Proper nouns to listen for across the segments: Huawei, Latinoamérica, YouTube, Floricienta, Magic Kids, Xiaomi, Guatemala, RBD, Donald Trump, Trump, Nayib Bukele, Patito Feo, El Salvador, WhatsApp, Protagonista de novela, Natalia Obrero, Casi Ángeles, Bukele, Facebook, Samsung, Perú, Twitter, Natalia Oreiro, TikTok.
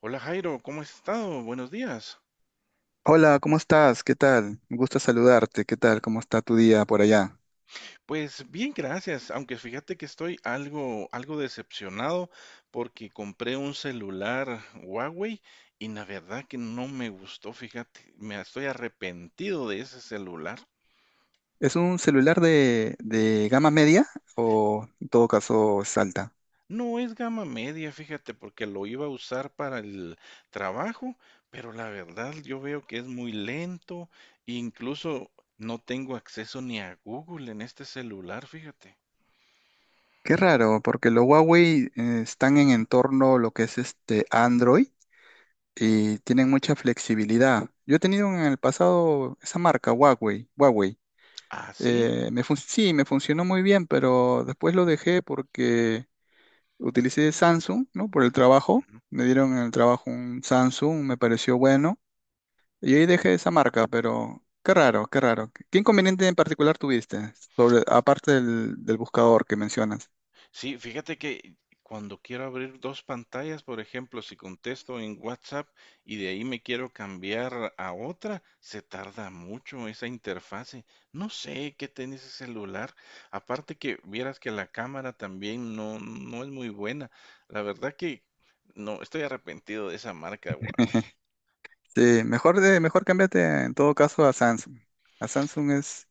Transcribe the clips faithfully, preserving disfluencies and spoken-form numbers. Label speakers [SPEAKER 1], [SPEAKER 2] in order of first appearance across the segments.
[SPEAKER 1] Hola, Jairo, ¿cómo has estado? Buenos días.
[SPEAKER 2] Hola, ¿cómo estás? ¿Qué tal? Me gusta saludarte. ¿Qué tal? ¿Cómo está tu día por allá?
[SPEAKER 1] Pues bien, gracias, aunque fíjate que estoy algo, algo decepcionado porque compré un celular Huawei y la verdad que no me gustó, fíjate, me estoy arrepentido de ese celular.
[SPEAKER 2] ¿Es un celular de, de gama media o en todo caso es alta?
[SPEAKER 1] No es gama media, fíjate, porque lo iba a usar para el trabajo, pero la verdad yo veo que es muy lento, incluso no tengo acceso ni a Google en este celular, fíjate.
[SPEAKER 2] Qué raro, porque los Huawei eh, están en entorno lo que es este Android y tienen mucha flexibilidad. Yo he tenido en el pasado esa marca, Huawei, Huawei.
[SPEAKER 1] Ah, sí.
[SPEAKER 2] Eh, me fun- sí, me funcionó muy bien, pero después lo dejé porque utilicé Samsung, ¿no? Por el trabajo. Me dieron en el trabajo un Samsung, me pareció bueno. Y ahí dejé esa marca, pero qué raro, qué raro. ¿Qué inconveniente en particular tuviste? Sobre, aparte del, del buscador que mencionas.
[SPEAKER 1] Sí, fíjate que cuando quiero abrir dos pantallas, por ejemplo, si contesto en WhatsApp y de ahí me quiero cambiar a otra, se tarda mucho esa interfase. No sé qué tiene ese celular. Aparte que vieras que la cámara también no, no es muy buena. La verdad que no, estoy arrepentido de esa marca Huawei.
[SPEAKER 2] Sí, mejor, de, mejor cámbiate en todo caso a Samsung. A Samsung es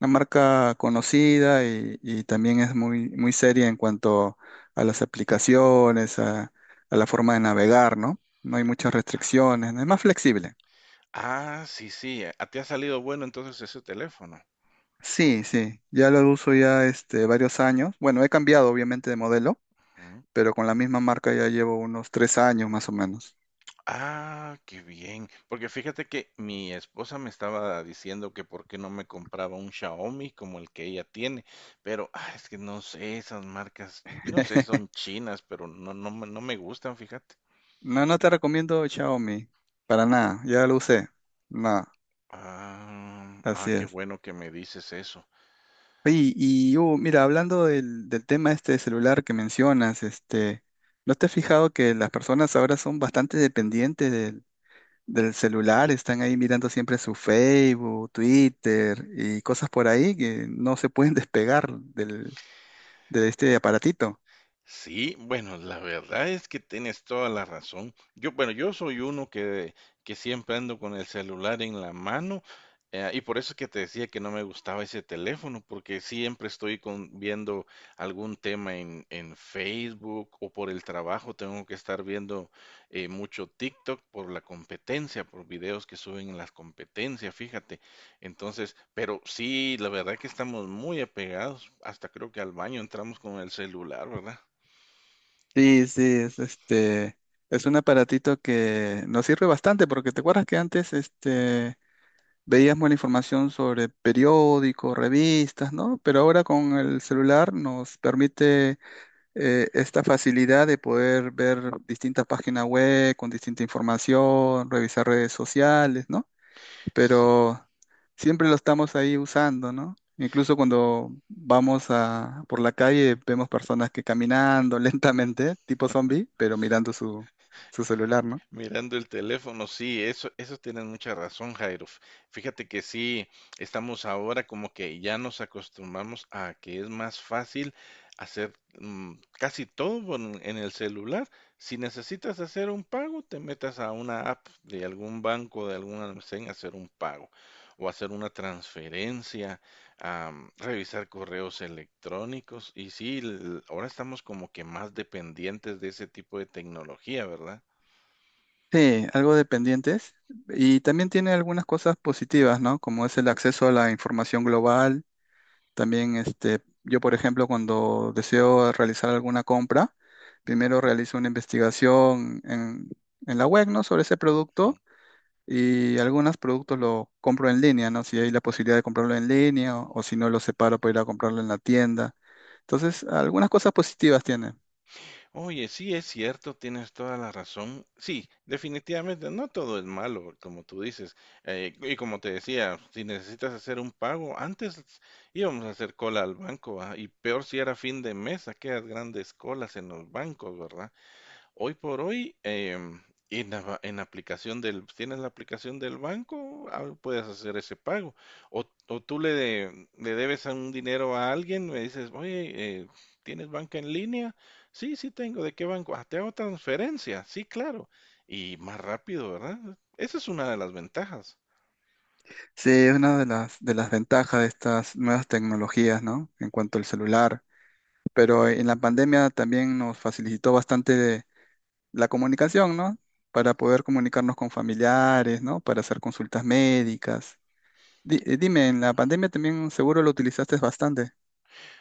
[SPEAKER 2] una marca conocida y, y también es muy, muy seria en cuanto a las aplicaciones, a, a la forma de navegar, ¿no? No hay muchas
[SPEAKER 1] Ah,
[SPEAKER 2] restricciones, es más flexible.
[SPEAKER 1] ah, sí, sí, a ti ha salido bueno entonces ese teléfono.
[SPEAKER 2] Sí, sí, ya lo uso ya este, varios años. Bueno, he cambiado obviamente de modelo pero con la misma marca ya llevo unos tres años más o menos.
[SPEAKER 1] Ah, qué bien. Porque fíjate que mi esposa me estaba diciendo que por qué no me compraba un Xiaomi como el que ella tiene, pero ah, es que no sé, esas marcas, no sé, son chinas, pero no, no, me- no me gustan, fíjate.
[SPEAKER 2] No, no te recomiendo Xiaomi, para nada, ya lo usé, nada,
[SPEAKER 1] Ah, ah,
[SPEAKER 2] así
[SPEAKER 1] qué
[SPEAKER 2] es.
[SPEAKER 1] bueno que me dices eso.
[SPEAKER 2] Oye, y Hugo, mira, hablando del, del tema este de celular que mencionas, este, ¿no te has fijado que las personas ahora son bastante dependientes del, del celular? Están ahí mirando siempre su Facebook, Twitter y cosas por ahí que no se pueden despegar del, de este aparatito.
[SPEAKER 1] Sí, bueno, la verdad es que tienes toda la razón. Yo, bueno, yo soy uno que, que siempre ando con el celular en la mano, eh, y por eso es que te decía que no me gustaba ese teléfono, porque siempre estoy con, viendo algún tema en, en Facebook o por el trabajo tengo que estar viendo eh, mucho TikTok por la competencia, por videos que suben en las competencias, fíjate. Entonces, pero sí, la verdad que estamos muy apegados, hasta creo que al baño entramos con el celular, ¿verdad?
[SPEAKER 2] Sí, sí, es este, es un aparatito que nos sirve bastante porque te acuerdas que antes este veíamos la información sobre periódicos, revistas, ¿no? Pero ahora con el celular nos permite eh, esta facilidad de poder ver distintas páginas web con distinta información, revisar redes sociales, ¿no?
[SPEAKER 1] Sí,
[SPEAKER 2] Pero siempre lo estamos ahí usando, ¿no? Incluso cuando vamos a, por la calle vemos personas que caminando lentamente, tipo zombie, pero mirando su, su celular, ¿no?
[SPEAKER 1] mirando el teléfono, sí, eso, eso tienes mucha razón, Jairo. Fíjate que sí, estamos ahora como que ya nos acostumbramos a que es más fácil hacer mm, casi todo en, en el celular. Si necesitas hacer un pago, te metas a una app de algún banco, de algún almacén, a hacer un pago o hacer una transferencia, am, revisar correos electrónicos. Y sí, l- ahora estamos como que más dependientes de ese tipo de tecnología, ¿verdad?
[SPEAKER 2] Sí, algo dependientes. Y también tiene algunas cosas positivas, ¿no? Como es el acceso a la información global. También, este, yo, por ejemplo, cuando deseo realizar alguna compra, primero realizo una investigación en, en la web, ¿no? Sobre ese
[SPEAKER 1] Ujú.
[SPEAKER 2] producto. Y algunos productos lo compro en línea, ¿no? Si hay la posibilidad de comprarlo en línea o, o si no lo separo para ir a comprarlo en la tienda. Entonces, algunas cosas positivas tiene.
[SPEAKER 1] Oye, sí es cierto, tienes toda la razón. Sí, definitivamente no todo es malo, como tú dices. Eh, y como te decía, si necesitas hacer un pago, antes íbamos a hacer cola al banco, ah. Y peor si era fin de mes, aquellas grandes colas en los bancos, ¿verdad? Hoy por hoy, em, en la, ba- en la aplicación del, tienes la aplicación del banco, ah, puedes hacer ese pago. O, o tú le, de- le debes a un dinero a alguien, me dices, oye, eh, ¿tienes banca en línea? Sí, sí tengo. ¿De qué banco? Ah, te hago transferencia. Sí, claro. Y más rápido, ¿verdad? Esa es una de las ventajas.
[SPEAKER 2] Sí, es una de las, de las ventajas de estas nuevas tecnologías, ¿no? En cuanto al celular. Pero en la pandemia también nos facilitó bastante de- la comunicación, ¿no? Para poder comunicarnos con familiares, ¿no? Para hacer consultas médicas. Di- eh, dime, en la pandemia también seguro lo utilizaste bastante.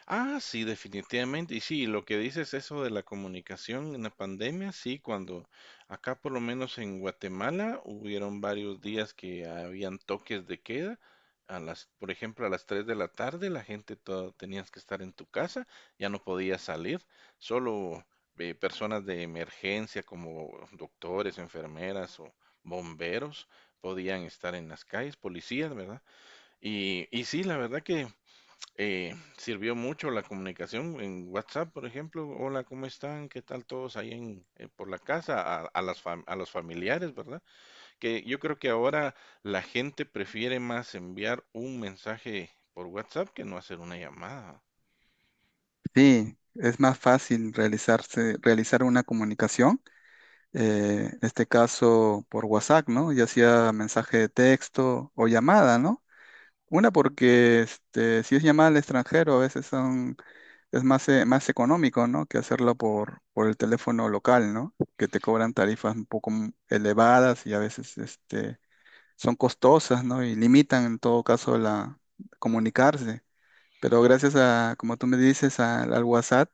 [SPEAKER 1] Ah, sí, definitivamente. Y sí, lo que dices eso de la comunicación en la pandemia, sí, cuando acá por lo menos en Guatemala hubieron varios días que habían toques de queda. A las, por ejemplo, a las tres de la tarde la gente toda, tenías que estar en tu casa, ya no podías salir, solo eh, personas de emergencia como doctores, enfermeras o bomberos podían estar en las calles, policías, ¿verdad? Y, y sí, la verdad que eh, sirvió mucho la comunicación en WhatsApp, por ejemplo. Hola, ¿cómo están? ¿Qué tal todos ahí en, eh, por la casa? A, a las fam- a los familiares, ¿verdad? Que yo creo que ahora la gente prefiere más enviar un mensaje por WhatsApp que no hacer una llamada.
[SPEAKER 2] Sí, es más fácil realizarse, realizar una comunicación, eh, en este caso por WhatsApp, ¿no? Ya sea mensaje de texto o llamada, ¿no? Una porque este, si es llamada al extranjero a veces son, es más, eh, más económico, ¿no? Que hacerlo por, por el teléfono local, ¿no? Que te cobran tarifas un poco m- elevadas y a veces este, son costosas, ¿no? Y limitan en todo caso la comunicarse. Pero gracias a, como tú me dices, al al WhatsApp,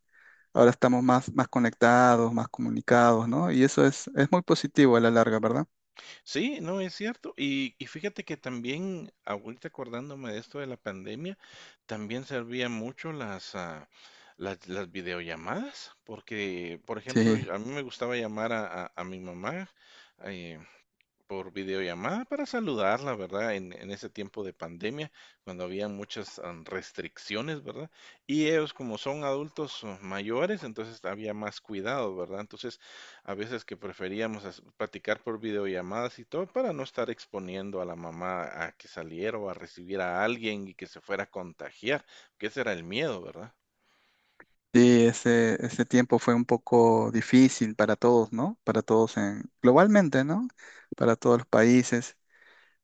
[SPEAKER 2] ahora estamos más, más conectados, más comunicados, ¿no? Y eso es, es muy positivo a la larga, ¿verdad?
[SPEAKER 1] Sí, no, es cierto. Y, y fíjate que también, ahorita acordándome de esto de la pandemia, también servían mucho las, ah, las, las videollamadas, porque, por
[SPEAKER 2] Sí,
[SPEAKER 1] ejemplo, a mí me gustaba llamar a, a- a mi mamá, eh, por videollamada para saludarla, ¿verdad? En, en ese tiempo de pandemia, cuando había muchas am, restricciones, ¿verdad? Y ellos como son adultos uh, mayores, entonces había más cuidado, ¿verdad? Entonces, a veces que preferíamos as- platicar por videollamadas y todo para no estar exponiendo a la mamá a que saliera o a recibir a alguien y que se fuera a contagiar, que ese era el miedo, ¿verdad?
[SPEAKER 2] sí, ese, ese tiempo fue un poco difícil para todos, ¿no? Para todos en, globalmente, ¿no? Para todos los países.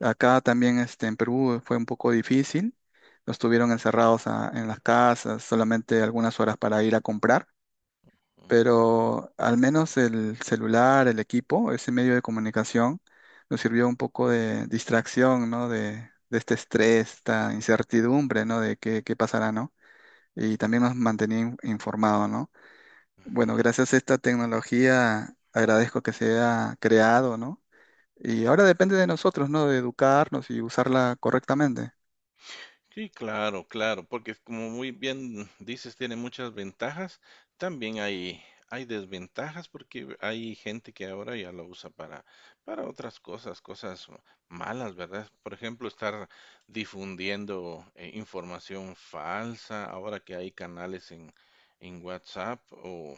[SPEAKER 2] Acá también este, en Perú fue un poco difícil. Nos tuvieron encerrados a- en las casas, solamente algunas horas para ir a comprar,
[SPEAKER 1] Mm,
[SPEAKER 2] pero al menos el celular, el equipo, ese medio de comunicación, nos sirvió un poco de distracción, ¿no? De, de este estrés, esta incertidumbre, ¿no? De qué, qué pasará, ¿no? Y también nos mantenía in- informado, ¿no? Bueno,
[SPEAKER 1] ujú.
[SPEAKER 2] gracias a esta tecnología agradezco que se haya creado, ¿no? Y ahora depende de nosotros, ¿no? De educarnos y usarla correctamente.
[SPEAKER 1] Sí, claro, claro, porque como muy bien dices, tiene muchas ventajas. También hay, hay desventajas porque hay gente que ahora ya lo usa para, para otras cosas, cosas malas, ¿verdad? Por ejemplo, estar difundiendo eh, información falsa, ahora que hay canales en, en WhatsApp o,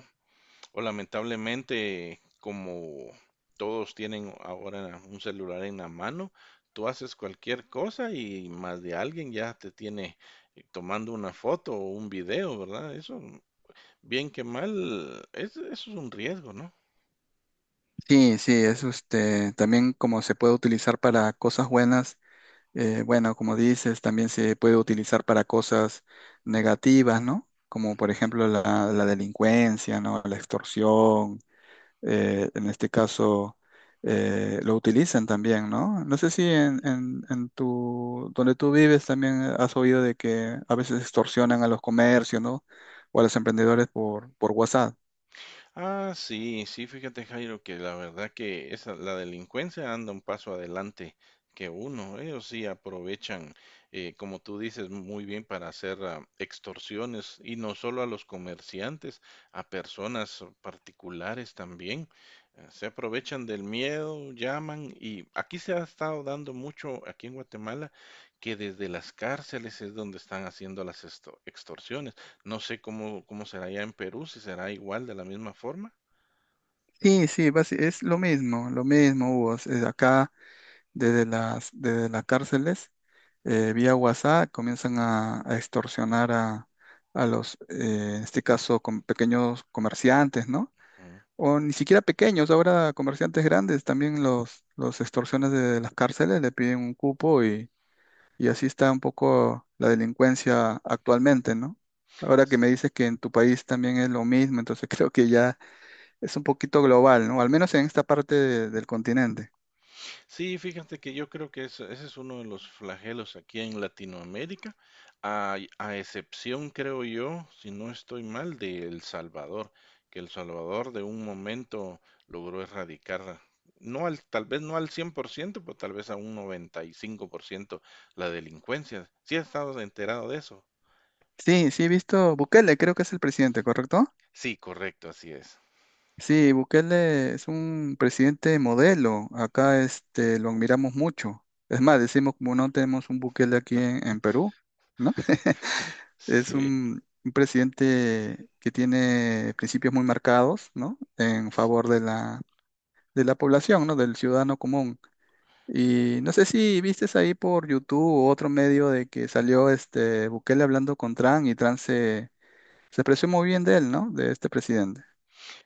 [SPEAKER 1] o lamentablemente, como todos tienen ahora un celular en la mano, tú haces cualquier cosa y más de alguien ya te tiene eh, tomando una foto o un video, ¿verdad? Eso, bien que mal, es, eso es un riesgo, ¿no?
[SPEAKER 2] Sí, sí, es este, también como se puede utilizar para cosas buenas. Eh, bueno, como dices, también se puede utilizar para cosas negativas, ¿no? Como por ejemplo la, la delincuencia, ¿no? La extorsión, eh, en este caso eh, lo utilizan también, ¿no? No sé si en, en, en tu, donde tú vives también eh, has oído de que a veces extorsionan a los comercios, ¿no? O a los emprendedores por, por WhatsApp.
[SPEAKER 1] Ah, sí, sí, fíjate, Jairo, que la verdad que esa, la delincuencia anda un paso adelante que uno. Ellos sí aprovechan, eh, como tú dices, muy bien para hacer ah, extorsiones y no solo a los comerciantes, a personas particulares también. Eh, se aprovechan del miedo, llaman y aquí se ha estado dando mucho, aquí en Guatemala, que desde las cárceles es donde están haciendo las esto- extorsiones. No sé cómo, cómo será allá en Perú, si será igual de la misma forma.
[SPEAKER 2] Sí, sí, basi- es lo mismo, lo mismo, Hugo. Es- acá desde las, desde las cárceles, eh, vía WhatsApp, comienzan a, a extorsionar a, a los, eh, en este caso, con pequeños comerciantes, ¿no?
[SPEAKER 1] Ujú.
[SPEAKER 2] O ni siquiera pequeños, ahora comerciantes grandes también los, los extorsionan desde las cárceles, le piden un cupo y, y así está un poco la delincuencia actualmente, ¿no? Ahora que me dices que en tu país también es lo mismo, entonces creo que ya es un poquito global, ¿no? Al menos en esta parte de- del continente.
[SPEAKER 1] Sí, fíjate que yo creo que eso- ese es uno de los flagelos aquí en Latinoamérica, a, a excepción, creo yo, si no estoy mal, de El Salvador, que El Salvador de un momento logró erradicar, no al, tal vez no al cien por ciento pero tal vez a un noventa y cinco por ciento la delincuencia. ¿Sí has estado enterado de eso?
[SPEAKER 2] Sí, sí he visto Bukele, creo que es el presidente, ¿correcto?
[SPEAKER 1] Sí, correcto, así es.
[SPEAKER 2] Sí, Bukele es un presidente modelo. Acá este lo admiramos mucho. Es más, decimos como no tenemos un Bukele aquí en, en Perú, ¿no? Es
[SPEAKER 1] Sí,
[SPEAKER 2] un, un presidente que tiene principios muy marcados, ¿no? En
[SPEAKER 1] sí.
[SPEAKER 2] favor de la, de la población, ¿no? Del ciudadano común. Y no sé si viste ahí por YouTube u otro medio de que salió este Bukele hablando con Trump y Trump se, se expresó muy bien de él, ¿no? De este presidente.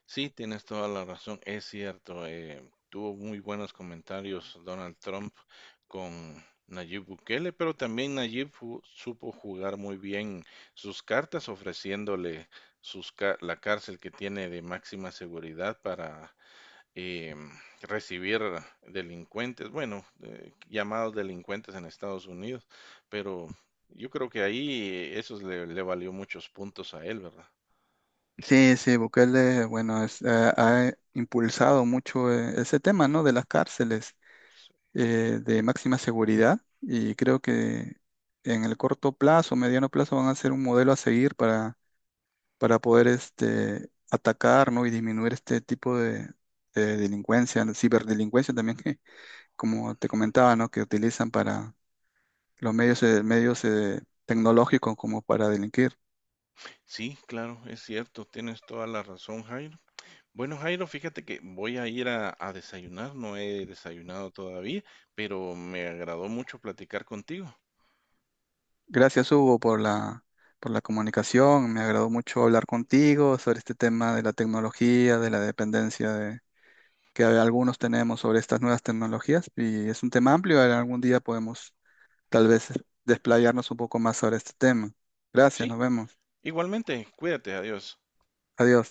[SPEAKER 1] Sí, tienes toda la razón, es cierto. Eh, tuvo muy buenos comentarios Donald Trump con Nayib Bukele, pero también Nayib fu- supo jugar muy bien sus cartas, ofreciéndole sus ca- la cárcel que tiene de máxima seguridad para em, recibir delincuentes, bueno, eh, llamados delincuentes en Estados Unidos, pero yo creo que ahí eso le le valió muchos puntos a él, ¿verdad?
[SPEAKER 2] Sí, sí, Bukele, bueno, es- ha, ha impulsado mucho eh, ese tema, ¿no? De las cárceles eh, de máxima seguridad y creo que en el corto plazo, mediano plazo, van a ser un modelo a seguir para, para poder este, atacar, ¿no? Y disminuir este tipo de, de delincuencia, ciberdelincuencia también, que, como te comentaba, ¿no? Que utilizan para los medios, eh, medios eh, tecnológicos como para delinquir.
[SPEAKER 1] Sí, claro, es cierto, tienes toda la razón, Jairo. Bueno, Jairo, fíjate que voy a ir a, a desayunar, no he desayunado todavía, pero me agradó mucho platicar contigo.
[SPEAKER 2] Gracias, Hugo, por la, por la comunicación. Me agradó mucho hablar contigo sobre este tema de la tecnología, de la dependencia de, que algunos tenemos sobre estas nuevas tecnologías. Y es un tema amplio. Algún día podemos tal vez desplayarnos un poco más sobre este tema. Gracias,
[SPEAKER 1] Sí,
[SPEAKER 2] nos vemos.
[SPEAKER 1] igualmente, cuídate, adiós.
[SPEAKER 2] Adiós.